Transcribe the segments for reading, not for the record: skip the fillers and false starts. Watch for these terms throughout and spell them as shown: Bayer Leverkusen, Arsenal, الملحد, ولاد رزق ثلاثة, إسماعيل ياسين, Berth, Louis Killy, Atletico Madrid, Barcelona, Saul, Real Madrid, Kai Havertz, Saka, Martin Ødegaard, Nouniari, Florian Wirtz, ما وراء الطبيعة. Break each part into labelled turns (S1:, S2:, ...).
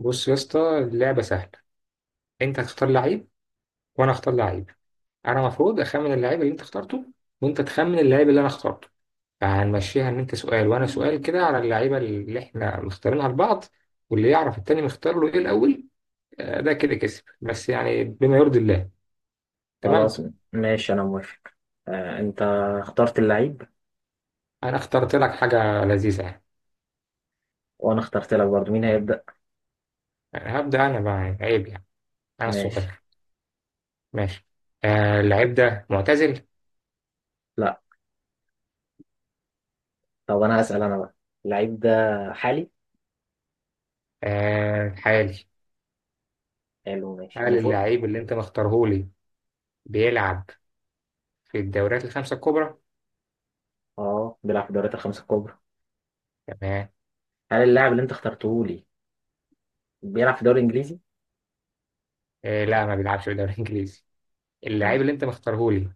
S1: بص يا اسطى، اللعبة سهلة. انت هتختار لعيب، وانا هختار لعيب. انا المفروض اخمن اللعيب اللي انت اخترته، وانت تخمن اللعيب اللي انا اخترته. فهنمشيها ان انت سؤال وانا سؤال كده، على اللعيبة اللي احنا مختارينها لبعض. واللي يعرف التاني مختار له ايه الاول. آه، ده كده كسب، بس يعني بما يرضي الله. تمام.
S2: خلاص. ماشي، انا موافق. آه انت اخترت اللعيب.
S1: انا اخترت لك حاجة لذيذة يعني.
S2: وانا اخترت لك برضه، مين هيبدأ؟
S1: يعني هبدأ انا بقى، يعني عيب يعني، انا
S2: ماشي.
S1: الصغير. ماشي. آه، اللعيب ده معتزل؟
S2: لا، طب انا هسأل انا بقى. اللعيب ده حالي؟
S1: آه، حالي.
S2: حلو ماشي
S1: هل
S2: المفروض.
S1: اللعيب اللي انت مختارهولي بيلعب في الدوريات الخمسة الكبرى؟
S2: اه بيلعب في الدوريات الخمسة الكبرى.
S1: تمام.
S2: هل اللاعب اللي انت اخترته لي بيلعب في الدوري الانجليزي؟
S1: آه لا، ما بيلعبش في الدوري الإنجليزي. اللاعب
S2: ماشي.
S1: اللي أنت مختارهولي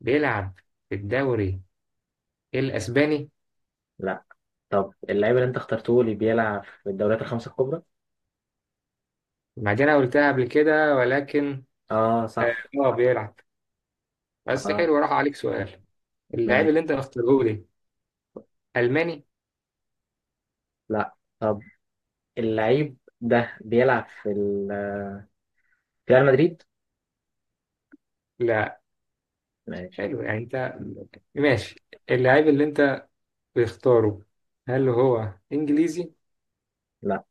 S1: بيلعب في الدوري الأسباني.
S2: لا، طب اللعيب اللي انت اخترته لي بيلعب في الدوريات الخمسة الكبرى؟
S1: ما دي أنا قلتها قبل كده، ولكن
S2: اه
S1: آه،
S2: صح.
S1: هو بيلعب. بس
S2: اه
S1: حلو، راح عليك سؤال. اللاعب
S2: ماشي.
S1: اللي أنت مختارهولي ألماني.
S2: لا، طب اللعيب ده بيلعب في ريال مدريد؟
S1: لا.
S2: ماشي.
S1: حلو يعني. أنت ماشي. اللاعب اللي أنت بتختاره، هل هو إنجليزي؟
S2: لا،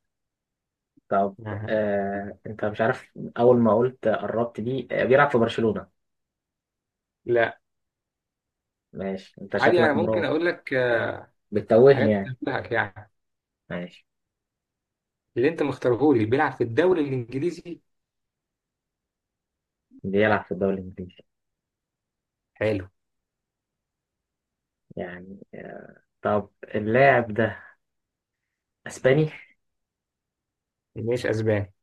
S2: طب
S1: آه.
S2: انت مش عارف. اول ما قلت قربت دي بيلعب في برشلونة؟
S1: لا.
S2: ماشي، انت
S1: عادي، أنا
S2: شكلك
S1: ممكن
S2: مراوغ،
S1: أقول لك
S2: بتتوهني
S1: حاجات
S2: يعني.
S1: تنبهك يعني.
S2: ماشي،
S1: اللي أنت مختارهولي بيلعب في الدوري الإنجليزي.
S2: بيلعب في الدوري الانجليزي.
S1: حلو.
S2: يعني طب اللاعب ده اسباني؟
S1: مش اسباني.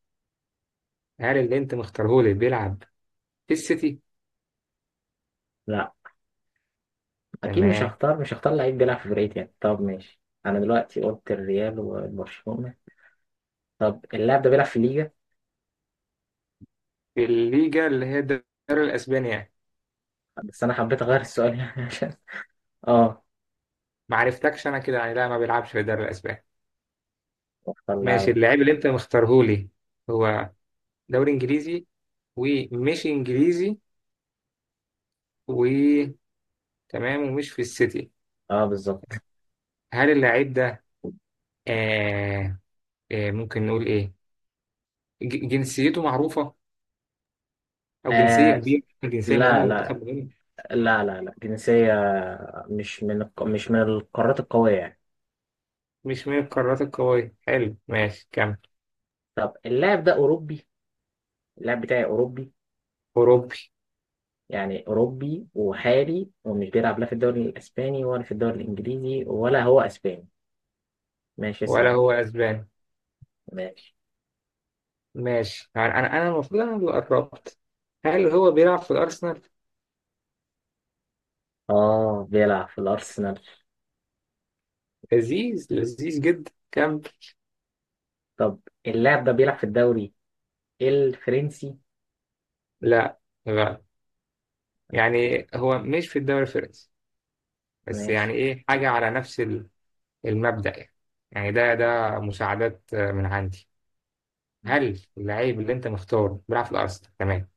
S1: هل اللي انت مختارهولي بيلعب في السيتي؟
S2: لا، اكيد مش
S1: تمام.
S2: هختار مش هختار لعيب بيلعب في فرقتي يعني. طب ماشي، انا دلوقتي قلت الريال وبرشلونة. طب اللاعب ده بيلعب في الليجا؟
S1: في الليجا اللي هي الدوري الاسباني يعني.
S2: بس انا حبيت اغير السؤال يعني عشان. اه،
S1: ما عرفتكش انا كده يعني. لا، ما بيلعبش في الدوري الاسباني.
S2: اختار
S1: ماشي.
S2: لاعب.
S1: اللاعب اللي انت مختارهولي هو دوري انجليزي، ومش انجليزي، وتمام، ومش في السيتي.
S2: اه بالظبط.
S1: هل اللاعب ده، آه ممكن نقول ايه، جنسيته معروفة، او جنسية
S2: آه
S1: كبيرة، جنسية
S2: لا
S1: مهمة،
S2: لا
S1: منتخب مهم.
S2: لا لا، لا جنسية، مش من القارات القوية يعني.
S1: مش من القارات القوية، حلو. ماشي كمل.
S2: طب اللاعب ده أوروبي؟ اللاعب بتاعي أوروبي.
S1: أوروبي.
S2: يعني أوروبي وحالي ومش بيلعب لا في الدوري الأسباني ولا في الدوري الإنجليزي ولا هو أسباني. ماشي
S1: ولا
S2: اسأل.
S1: هو أسباني.
S2: ماشي.
S1: ماشي يعني. انا المفروض انا اللي قربت. هل هو بيلعب في الارسنال؟
S2: آه بيلعب في الأرسنال.
S1: لذيذ، لذيذ جدا. كم.
S2: طب اللاعب ده بيلعب في الدوري الفرنسي؟
S1: لا، لا، يعني هو مش في الدوري الفرنسي، بس
S2: ماشي.
S1: يعني ايه، حاجه على نفس المبدأ يعني. يعني ده مساعدات من عندي. هل اللعيب اللي انت مختاره بيلعب في الارسنال؟ تمام.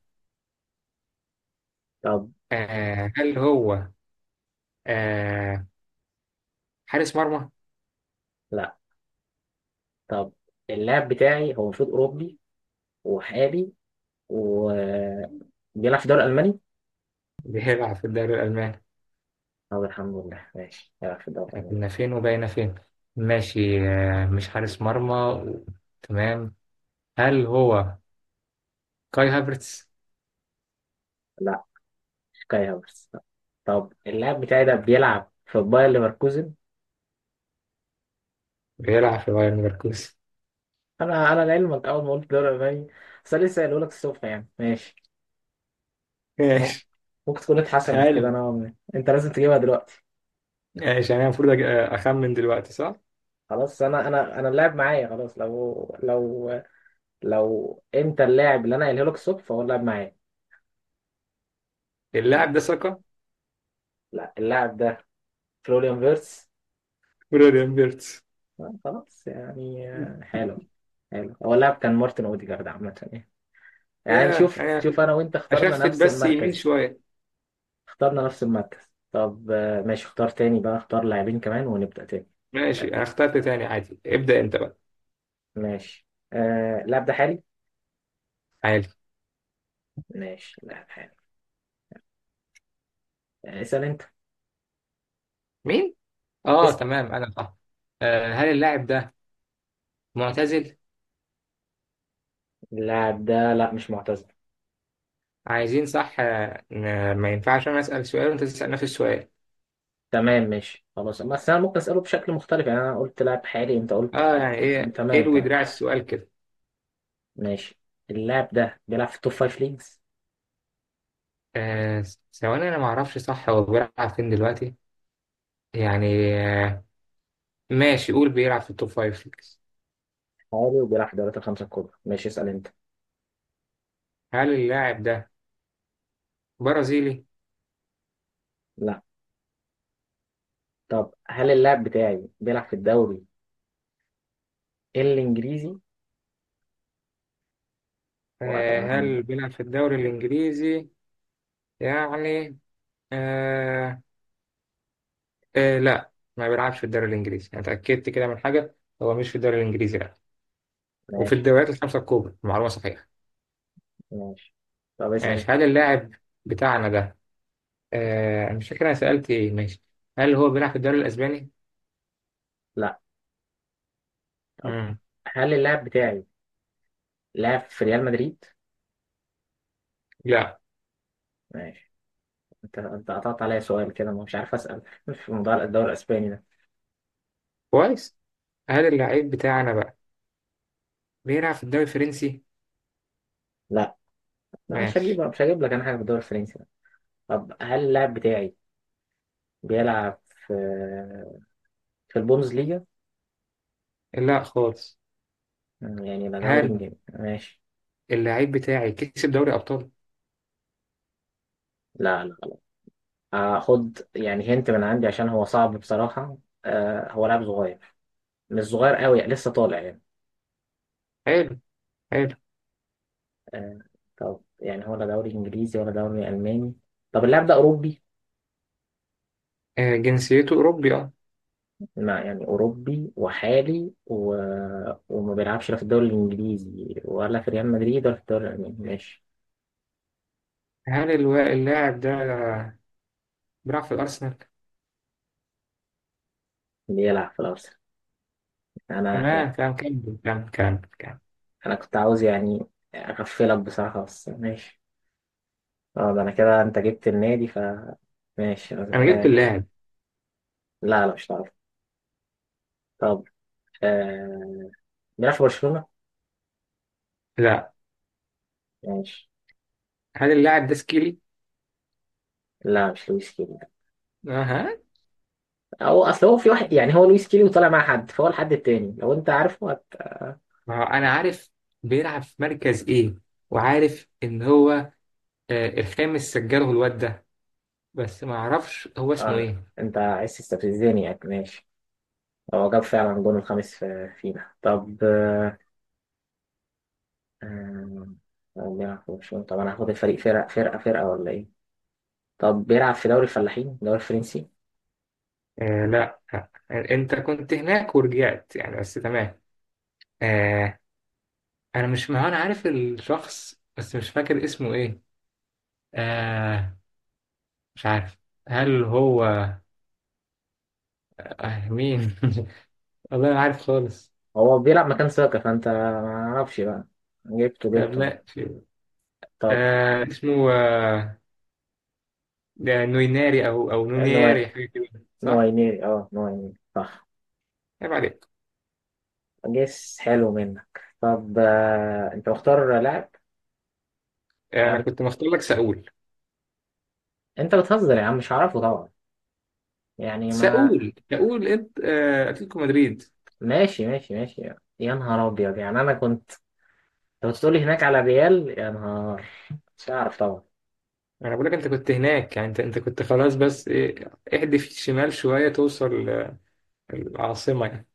S2: طب
S1: آه، هل هو، آه، حارس مرمى؟
S2: لا، طب اللاعب بتاعي هو المفروض أوروبي وحالي وبيلعب في الدوري الألماني.
S1: بيلعب في الدوري الالماني.
S2: طب الحمد لله، ماشي يلعب في الدوري الألماني.
S1: احنا فين وبقينا فين. ماشي، آه، مش حارس مرمى. تمام. هل هو كاي هافرتس؟
S2: لا، شكاية بس. طب اللاعب بتاعي ده بيلعب في باير ليفركوزن؟
S1: بيلعب في بايرن ليفركوزن.
S2: أنا على لعلمك أول ما قلت الدوري الألماني، بس أنا لسه قايله لك الصبح يعني. ماشي. مم-
S1: ماشي.
S2: ممكن تكون اتحسنت كده
S1: هل
S2: نوعا ما، أنت لازم تجيبها دلوقتي.
S1: ماشي، يعني انا المفروض اخمن دلوقتي، صح؟
S2: خلاص، أنا اللاعب معايا خلاص. لو لو أنت اللاعب اللي أنا قايله لك الصبح فهو اللاعب معايا.
S1: اللاعب ده ساكا
S2: لا، اللاعب ده فلوريان فيرتس.
S1: ولا بيرتس؟
S2: خلاص يعني، حلو. حلو، هو اللاعب كان مارتن أوديجارد عامة يعني. يعني
S1: ياه،
S2: شوف
S1: انا
S2: شوف
S1: كنت
S2: انا وانت اخترنا
S1: اشفت
S2: نفس
S1: بس يمين
S2: المركز.
S1: شويه.
S2: اخترنا نفس المركز. طب ماشي، اختار تاني بقى، اختار لاعبين كمان ونبدأ تاني.
S1: ماشي.
S2: آه،
S1: انا اخترت تاني عادي، ابدا انت بقى.
S2: ماشي. آه اللاعب ده حالي.
S1: عادي.
S2: ماشي، لاعب حالي. اسأل انت.
S1: مين؟ اه
S2: اسأل.
S1: تمام، انا صح. آه، هل اللاعب ده معتزل؟
S2: اللاعب ده لا مش معتزل.
S1: عايزين صح، آه، ما ينفعش انا اسال سؤال وانت تسال نفس السؤال.
S2: تمام ماشي خلاص، بس انا ممكن اسأله بشكل مختلف يعني. انا قلت لاعب حالي، انت قلت
S1: اه، يعني ايه،
S2: تمام
S1: اللي
S2: تمام.
S1: دراع السؤال كده.
S2: ماشي. اللاعب ده بيلعب في التوب فايف ليجز،
S1: آه ثواني، انا ما اعرفش صح هو بيلعب فين دلوقتي. يعني آه، ماشي، قول بيلعب في التوب فايف ليجز.
S2: حالي وبيلعب في الدوريات الخمسة الكبرى. ماشي اسأل انت.
S1: هل اللاعب ده برازيلي؟
S2: لا، طب هل اللاعب بتاعي بيلعب في الدوري الانجليزي؟
S1: آه،
S2: وأتمنى.
S1: هل بيلعب في الدوري الإنجليزي؟ يعني آه، لا، ما بيلعبش في الدوري الإنجليزي. أنا اتأكدت كده من حاجة. هو مش في الدوري الإنجليزي، لا. وفي
S2: ماشي.
S1: الدوريات الخمسة الكبرى معلومة صحيحة.
S2: ماشي، طب اسأل
S1: ماشي.
S2: انت.
S1: هل اللاعب بتاعنا ده، آه، مش فاكر أنا سألت إيه. ماشي. هل هو بيلعب في الدوري الأسباني؟
S2: لا، طب
S1: مم.
S2: هل اللاعب بتاعي لعب في ريال مدريد؟
S1: لا.
S2: ماشي، انت قطعت عليا سؤال كده، مش عارف اسأل في موضوع الدوري الاسباني ده.
S1: كويس. هل اللاعب بتاعنا بقى بيلعب في الدوري الفرنسي؟
S2: لا، مش هجيب
S1: ماشي.
S2: مش هجيب لك انا حاجة في الدوري الفرنسي ده. طب هل اللاعب بتاعي بيلعب في البوندسليجا؟
S1: لا خالص.
S2: يعني لا دوري
S1: حلو.
S2: انجليزي. ماشي.
S1: اللعيب بتاعي كسب دوري أبطال.
S2: لا لا لا، هاخد يعني هنت من عندي عشان هو صعب بصراحة. آه هو لاعب صغير، مش صغير قوي، لسه طالع يعني.
S1: حلو، حلو.
S2: آه، طب يعني ولا دوري انجليزي ولا دوري الماني. طب اللاعب ده اوروبي؟
S1: آه، جنسيته أوروبي، أه.
S2: لا، يعني اوروبي وحالي و... وما بيلعبش لا في الدوري الانجليزي ولا في ريال مدريد ولا في الدوري الالماني. ماشي،
S1: هل اللاعب ده بيلعب في الأرسنال؟
S2: بيلعب في الارسنال. انا
S1: تمام،
S2: يعني،
S1: تمام. كمل كمل كمل كمل.
S2: انا كنت عاوز يعني اغفلك بصراحه بس ماشي. اه ده انا كده، انت جبت النادي ف. ماشي انا
S1: أنا جبت
S2: محتاج.
S1: اللاعب.
S2: لا لا، مش هتعرف. طب آه... بيلعب في برشلونه.
S1: لا.
S2: ماشي.
S1: هل اللاعب ده سكيلي؟
S2: لا مش لويس كده.
S1: أها.
S2: هو اصل هو في واحد يعني، هو لويس كيلي وطالع مع حد، فهو الحد التاني لو انت عارفه هت...
S1: ما هو أنا عارف بيلعب في مركز إيه، وعارف إن هو، آه، الخامس سجله الواد ده. بس ما أعرفش هو اسمه إيه.
S2: انت عايز تستفزني يعني. ماشي، هو جاب فعلا جون الخامس فينا. طب هو بيلعب في برشلونة. طب انا هاخد الفريق، فرقة فرقة فرقة ولا ايه؟ طب بيلعب في دوري الفلاحين، الدوري الفرنسي.
S1: آه لا، آه، أنت كنت هناك ورجعت يعني، بس تمام. آه، انا مش ما هو انا عارف الشخص، بس مش فاكر اسمه ايه. آه، مش عارف. هل هو، آه، مين والله ما عارف خالص.
S2: هو بيلعب مكان ساكا، فانت ما اعرفش بقى. جبته
S1: طب
S2: جبته.
S1: ماشي.
S2: طب
S1: آه، اسمه، آه، ده نويناري او
S2: نوع
S1: نونياري، حاجه كده، صح؟
S2: نوعيني، اه نوعيني صح.
S1: عيب عليك.
S2: جيس حلو منك. طب انت مختار لاعب؟
S1: آه،
S2: لاعب
S1: انا كنت
S2: إيه؟
S1: مختار لك ساول.
S2: انت بتهزر يا عم، مش هعرفه طبعا يعني ما.
S1: ساول، ساول. انت، آه، اتلتيكو مدريد.
S2: ماشي ماشي ماشي. يا نهار ابيض، يعني انا كنت لو تقولي هناك على ريال، يا نهار، مش هعرف طبعا.
S1: انا بقول لك انت كنت هناك يعني، انت كنت خلاص، بس إيه، احدف الشمال شويه توصل، آه، العاصمه يعني.